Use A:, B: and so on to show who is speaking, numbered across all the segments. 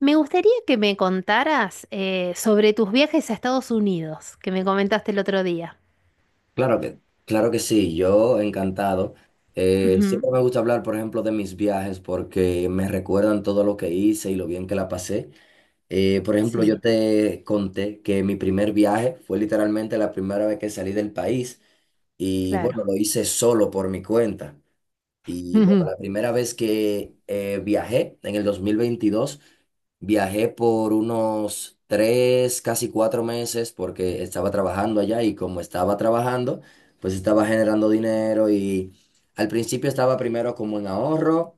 A: Me gustaría que me contaras sobre tus viajes a Estados Unidos, que me comentaste el otro día.
B: Claro que, claro que sí, yo encantado.
A: Ujú.
B: Siempre me gusta hablar, por ejemplo, de mis viajes porque me recuerdan todo lo que hice y lo bien que la pasé. Por ejemplo, yo
A: Sí,
B: te conté que mi primer viaje fue literalmente la primera vez que salí del país y
A: claro.
B: bueno, lo hice solo por mi cuenta. Y bueno,
A: Ujú,
B: la primera vez que viajé en el 2022. Viajé por unos tres, casi cuatro meses porque estaba trabajando allá y como estaba trabajando, pues estaba generando dinero y al principio estaba primero como en ahorro,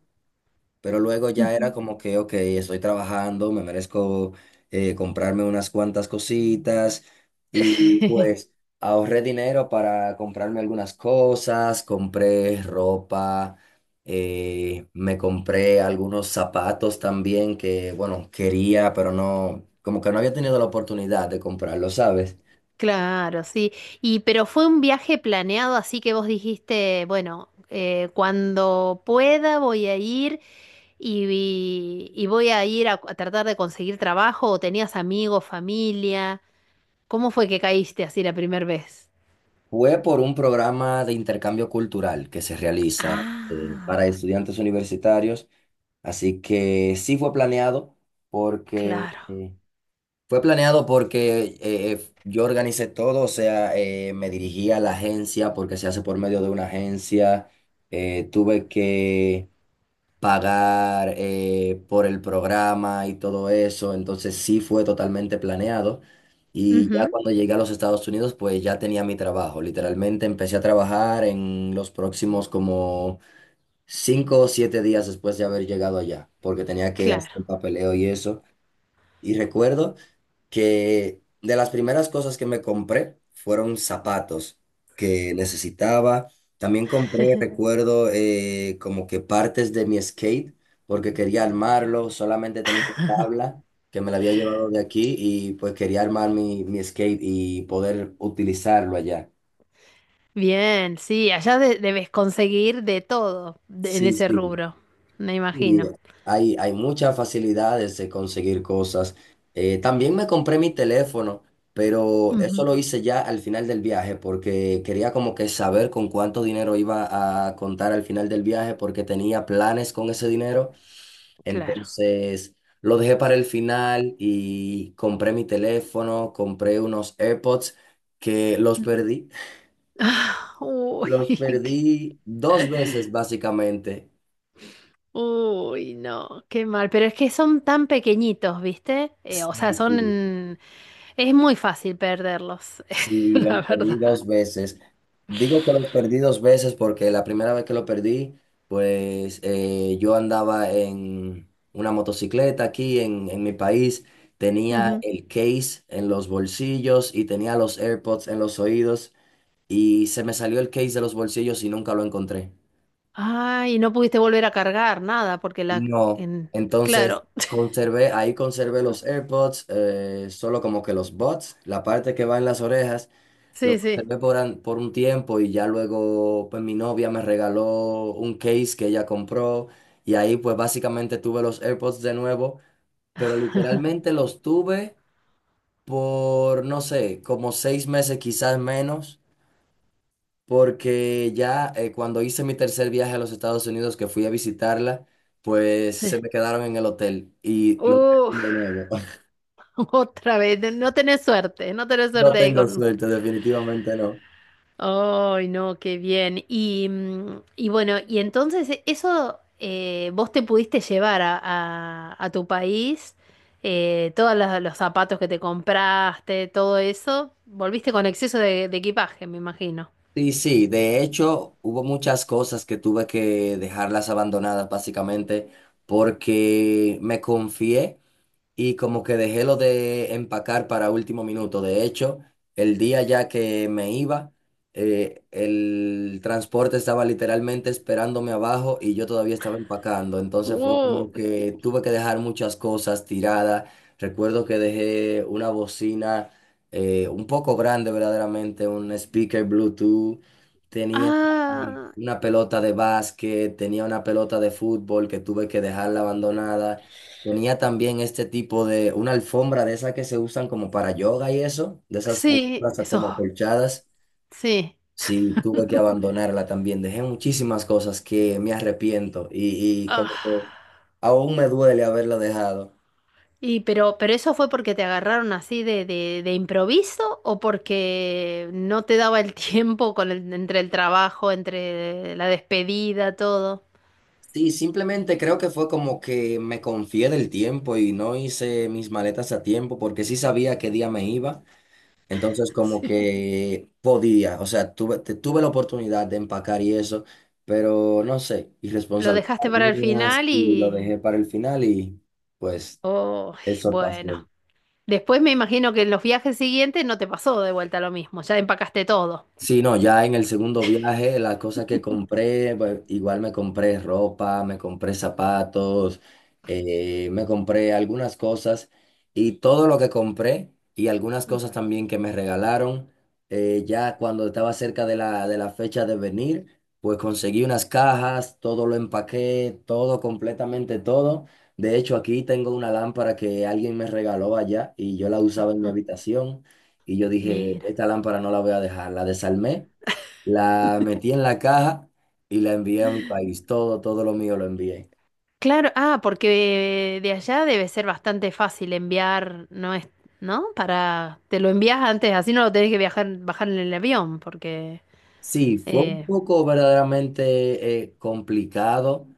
B: pero luego ya era
A: ujú.
B: como que, ok, estoy trabajando, me merezco comprarme unas cuantas cositas y pues ahorré dinero para comprarme algunas cosas, compré ropa, me compré algunos zapatos también que, bueno, quería, pero no, como que no había tenido la oportunidad de comprarlo, ¿sabes?
A: Claro, sí. Y pero fue un viaje planeado, así que vos dijiste, bueno, cuando pueda voy a ir y voy a ir a tratar de conseguir trabajo, o tenías amigos, familia. ¿Cómo fue que caíste así la primera vez?
B: Fue por un programa de intercambio cultural que se realiza
A: Ah,
B: para estudiantes universitarios. Así que sí fue planeado porque
A: claro.
B: yo organicé todo, o sea, me dirigí a la agencia porque se hace por medio de una agencia. Tuve que pagar por el programa y todo eso, entonces sí fue totalmente planeado. Y ya
A: Ujú,
B: cuando llegué a los Estados Unidos, pues ya tenía mi trabajo. Literalmente empecé a trabajar en los próximos como 5 o 7 días después de haber llegado allá, porque tenía que hacer
A: claro.
B: el papeleo y eso. Y recuerdo que de las primeras cosas que me compré fueron zapatos que necesitaba. También compré, recuerdo, como que partes de mi skate, porque quería armarlo, solamente tenía una tabla que me la había llevado de aquí y pues quería armar mi skate y poder utilizarlo allá.
A: Bien, sí, allá debes conseguir de todo en
B: Sí,
A: ese
B: sí.
A: rubro, me
B: Y
A: imagino.
B: hay muchas facilidades de conseguir cosas. También me compré mi teléfono, pero eso
A: Ujú.
B: lo hice ya al final del viaje porque quería como que saber con cuánto dinero iba a contar al final del viaje porque tenía planes con ese dinero.
A: Claro.
B: Entonces lo dejé para el final y compré mi teléfono, compré unos AirPods que los perdí.
A: Ah, uy,
B: Los
A: qué-
B: perdí dos veces básicamente.
A: uy, no, qué mal. Pero es que son tan pequeñitos, ¿viste? O sea,
B: Sí, sí.
A: son... Es muy fácil perderlos,
B: Sí,
A: la
B: los perdí
A: verdad.
B: dos veces. Digo que los perdí dos veces porque la primera vez que lo perdí, pues yo andaba en una motocicleta aquí en, mi país, tenía
A: Ujú.
B: el case en los bolsillos y tenía los AirPods en los oídos y se me salió el case de los bolsillos y nunca lo encontré.
A: Ay, no pudiste volver a cargar nada porque la...
B: No,
A: En...
B: entonces
A: Claro.
B: conservé, ahí conservé los AirPods, solo como que los buds, la parte que va en las orejas, lo
A: Sí, sí,
B: conservé por, por un tiempo y ya luego pues mi novia me regaló un case que ella compró y ahí pues básicamente tuve los AirPods de nuevo, pero literalmente los tuve por, no sé, como 6 meses, quizás menos, porque ya cuando hice mi tercer viaje a los Estados Unidos, que fui a visitarla, pues
A: sí.
B: se me quedaron en el hotel y lo
A: Uf,
B: terminé de nuevo.
A: otra vez. No, tenés suerte, no tenés
B: No
A: suerte ahí
B: tengo
A: con...
B: suerte, definitivamente no.
A: Ay, no, qué bien. Y, mm, y bueno, y entonces eso, vos te pudiste llevar a, a tu país, todos los zapatos que te compraste, todo eso, volviste con exceso de equipaje, me imagino.
B: Sí, sí, de hecho hubo muchas cosas que tuve que dejarlas abandonadas básicamente porque me confié y como que dejé lo de empacar para último minuto. De hecho, el día ya que me iba, el transporte estaba literalmente esperándome abajo y yo todavía estaba empacando. Entonces fue
A: Uh,
B: como que tuve que dejar muchas cosas tiradas. Recuerdo que dejé una bocina un poco grande verdaderamente, un speaker Bluetooth. Tenía
A: ah,
B: una pelota de básquet, tenía una pelota de fútbol que tuve que dejarla abandonada. Tenía también este tipo de, una alfombra de esas que se usan como para yoga y eso, de esas
A: sí,
B: alfombras como
A: eso,
B: acolchadas.
A: sí.
B: Sí, tuve que abandonarla también. Dejé muchísimas cosas que me arrepiento y
A: Ah.
B: como que aún me duele haberla dejado.
A: Y pero eso fue porque te agarraron así de improviso o porque no te daba el tiempo con entre el trabajo, entre la despedida, todo.
B: Sí, simplemente creo que fue como que me confié del tiempo y no hice mis maletas a tiempo porque sí sabía qué día me iba. Entonces, como
A: Sí.
B: que podía, o sea, tuve, tuve la oportunidad de empacar y eso, pero no sé,
A: Lo
B: irresponsabilidad
A: dejaste para el
B: mía, sí,
A: final
B: lo
A: y...
B: dejé para el final y pues
A: Oh,
B: eso
A: bueno.
B: pasó.
A: Después me imagino que en los viajes siguientes no te pasó de vuelta lo mismo, ya empacaste todo.
B: Sí, no, ya en el segundo viaje, las cosas que compré, pues, igual me compré ropa, me compré zapatos, me compré algunas cosas y todo lo que compré y algunas cosas también que me regalaron, ya cuando estaba cerca de la, fecha de venir, pues conseguí unas cajas, todo lo empaqué, todo, completamente todo. De hecho, aquí tengo una lámpara que alguien me regaló allá y yo la usaba en mi habitación. Y yo dije,
A: Mira.
B: esta lámpara no la voy a dejar. La desarmé, la metí en la caja y la envié a mi país. Todo, todo lo mío lo envié.
A: Claro, ah, porque de allá debe ser bastante fácil enviar, ¿no es? ¿No? Para, te lo envías antes, así no lo tenés que viajar, bajar en el avión, porque
B: Sí, fue un
A: eh,
B: poco verdaderamente complicado,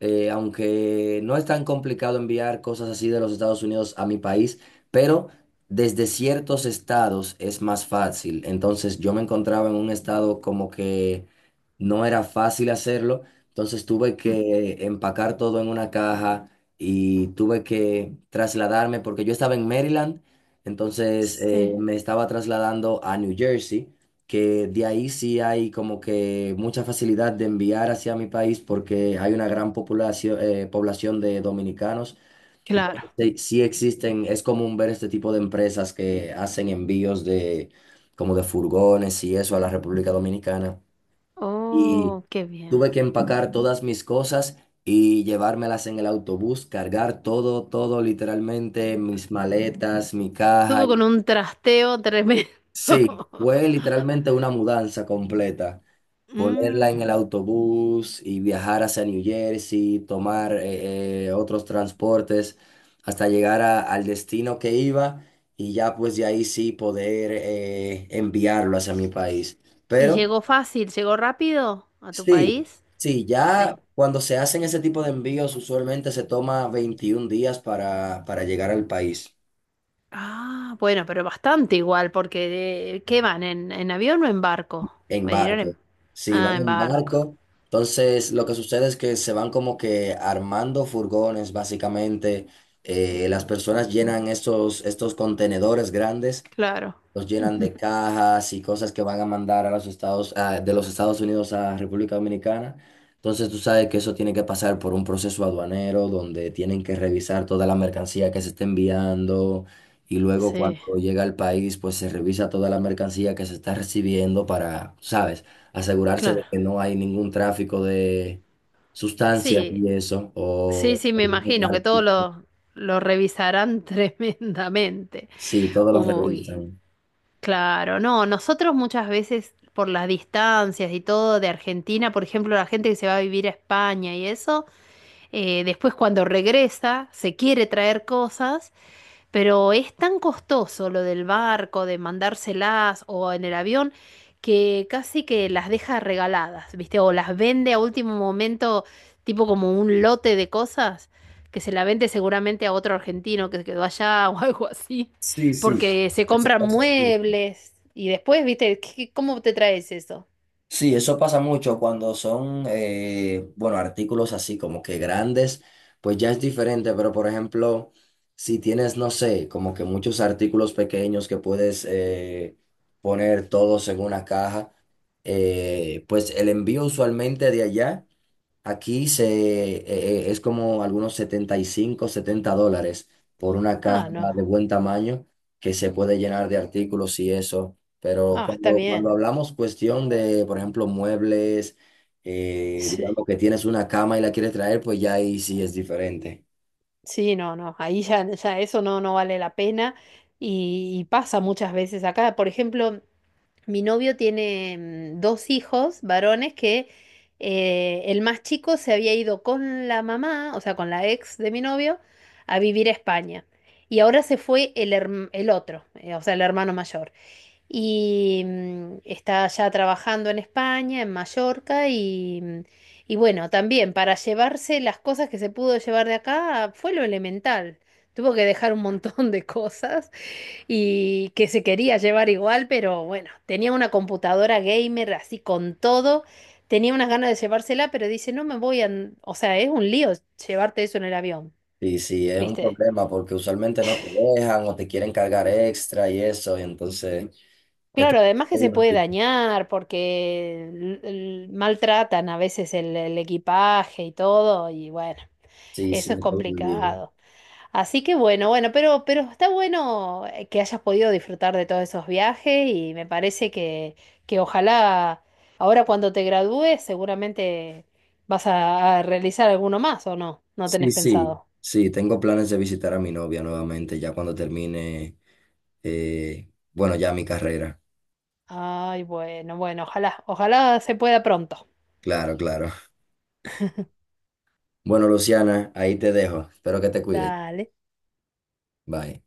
B: aunque no es tan complicado enviar cosas así de los Estados Unidos a mi país, pero desde ciertos estados es más fácil. Entonces yo me encontraba en un estado como que no era fácil hacerlo, entonces tuve
A: mm,
B: que empacar todo en una caja y tuve que trasladarme porque yo estaba en Maryland, entonces
A: sí,
B: me estaba trasladando a New Jersey, que de ahí sí hay como que mucha facilidad de enviar hacia mi país porque hay una gran población, población de dominicanos.
A: claro.
B: Sí, sí existen, es común ver este tipo de empresas que hacen envíos de como de furgones y eso a la República Dominicana. Y
A: Oh, qué bien.
B: tuve que empacar todas mis cosas y llevármelas en el autobús, cargar todo, todo literalmente, mis maletas, mi caja.
A: Todo con un trasteo tremendo.
B: Sí, fue literalmente una mudanza completa. Ponerla en el
A: Mm.
B: autobús y viajar hacia New Jersey, tomar otros transportes hasta llegar al destino que iba y ya pues de ahí sí poder enviarlo hacia mi país.
A: ¿Y
B: Pero
A: llegó fácil, llegó rápido a tu
B: sí,
A: país?
B: sí,
A: Sí.
B: ya cuando se hacen ese tipo de envíos usualmente se toma 21 días para, llegar al país.
A: Ah, bueno, pero bastante igual, porque ¿qué van? En avión o en barco?
B: En
A: ¿Me dirán
B: barco.
A: en...
B: Sí, van
A: Ah, en
B: en
A: barco.
B: barco. Entonces, lo que sucede es que se van como que armando furgones, básicamente. Las personas llenan estos contenedores grandes,
A: Claro.
B: los llenan de cajas y cosas que van a mandar a los Estados, de los Estados Unidos a República Dominicana. Entonces tú sabes que eso tiene que pasar por un proceso aduanero donde tienen que revisar toda la mercancía que se está enviando y luego
A: Sí,
B: cuando llega al país pues se revisa toda la mercancía que se está recibiendo para, sabes, asegurarse de
A: claro.
B: que no hay ningún tráfico de sustancias
A: Sí,
B: y eso
A: sí,
B: o
A: sí, me
B: algún
A: imagino que todos
B: artículo.
A: lo revisarán tremendamente.
B: Sí, todos los
A: Uy,
B: revisan.
A: claro, no, nosotros muchas veces por las distancias y todo de Argentina, por ejemplo, la gente que se va a vivir a España y eso, después cuando regresa se quiere traer cosas. Pero es tan costoso lo del barco, de mandárselas o en el avión, que casi que las deja regaladas, ¿viste? O las vende a último momento, tipo como un lote de cosas, que se la vende seguramente a otro argentino que se quedó allá o algo así,
B: Sí, sí,
A: porque se
B: eso
A: compran
B: pasa.
A: muebles y después, ¿viste? ¿Cómo te traes eso?
B: Sí, eso pasa mucho cuando son, bueno, artículos así como que grandes, pues ya es diferente, pero por ejemplo, si tienes, no sé, como que muchos artículos pequeños que puedes poner todos en una caja, pues el envío usualmente de allá. Aquí es como algunos 75 $70 por una caja
A: Ah, no.
B: de buen tamaño que se puede llenar de artículos y eso. Pero
A: Ah, está
B: cuando,
A: bien.
B: hablamos cuestión de, por ejemplo, muebles,
A: Sí,
B: digamos que tienes una cama y la quieres traer, pues ya ahí sí es diferente.
A: sí, no, no. Ahí ya, ya eso no, no vale la pena. Y pasa muchas veces acá. Por ejemplo, mi novio tiene mm, dos hijos varones que el más chico se había ido con la mamá, o sea, con la ex de mi novio, a vivir a España. Y ahora se fue el, el otro, o sea, el hermano mayor. Y mm, está ya trabajando en España, en Mallorca, y, mm, y bueno, también para llevarse las cosas que se pudo llevar de acá fue lo elemental. Tuvo que dejar un montón de cosas y que se quería llevar igual, pero bueno, tenía una computadora gamer así con todo, tenía unas ganas de llevársela, pero dice, no me voy a... O sea, es un lío llevarte eso en el avión,
B: Y sí, es un
A: ¿viste?
B: problema porque usualmente no te dejan o te quieren cargar extra y eso. Y entonces, esto es
A: Claro, además que
B: todo
A: se
B: un
A: puede
B: lío.
A: dañar porque maltratan a veces el equipaje y todo, y bueno,
B: Sí, sí,
A: eso es
B: todo un lío.
A: complicado. Así que bueno, bueno, pero está bueno que hayas podido disfrutar de todos esos viajes y me parece que ojalá ahora cuando te gradúes seguramente vas a realizar alguno más o no, no
B: Sí,
A: tenés
B: sí,
A: pensado.
B: sí, tengo planes de visitar a mi novia nuevamente ya cuando termine, bueno, ya mi carrera.
A: Ay, bueno, bueno, ojalá, ojalá se pueda pronto.
B: Claro, claro. Bueno, Luciana, ahí te dejo. Espero que te cuides.
A: Dale.
B: Bye.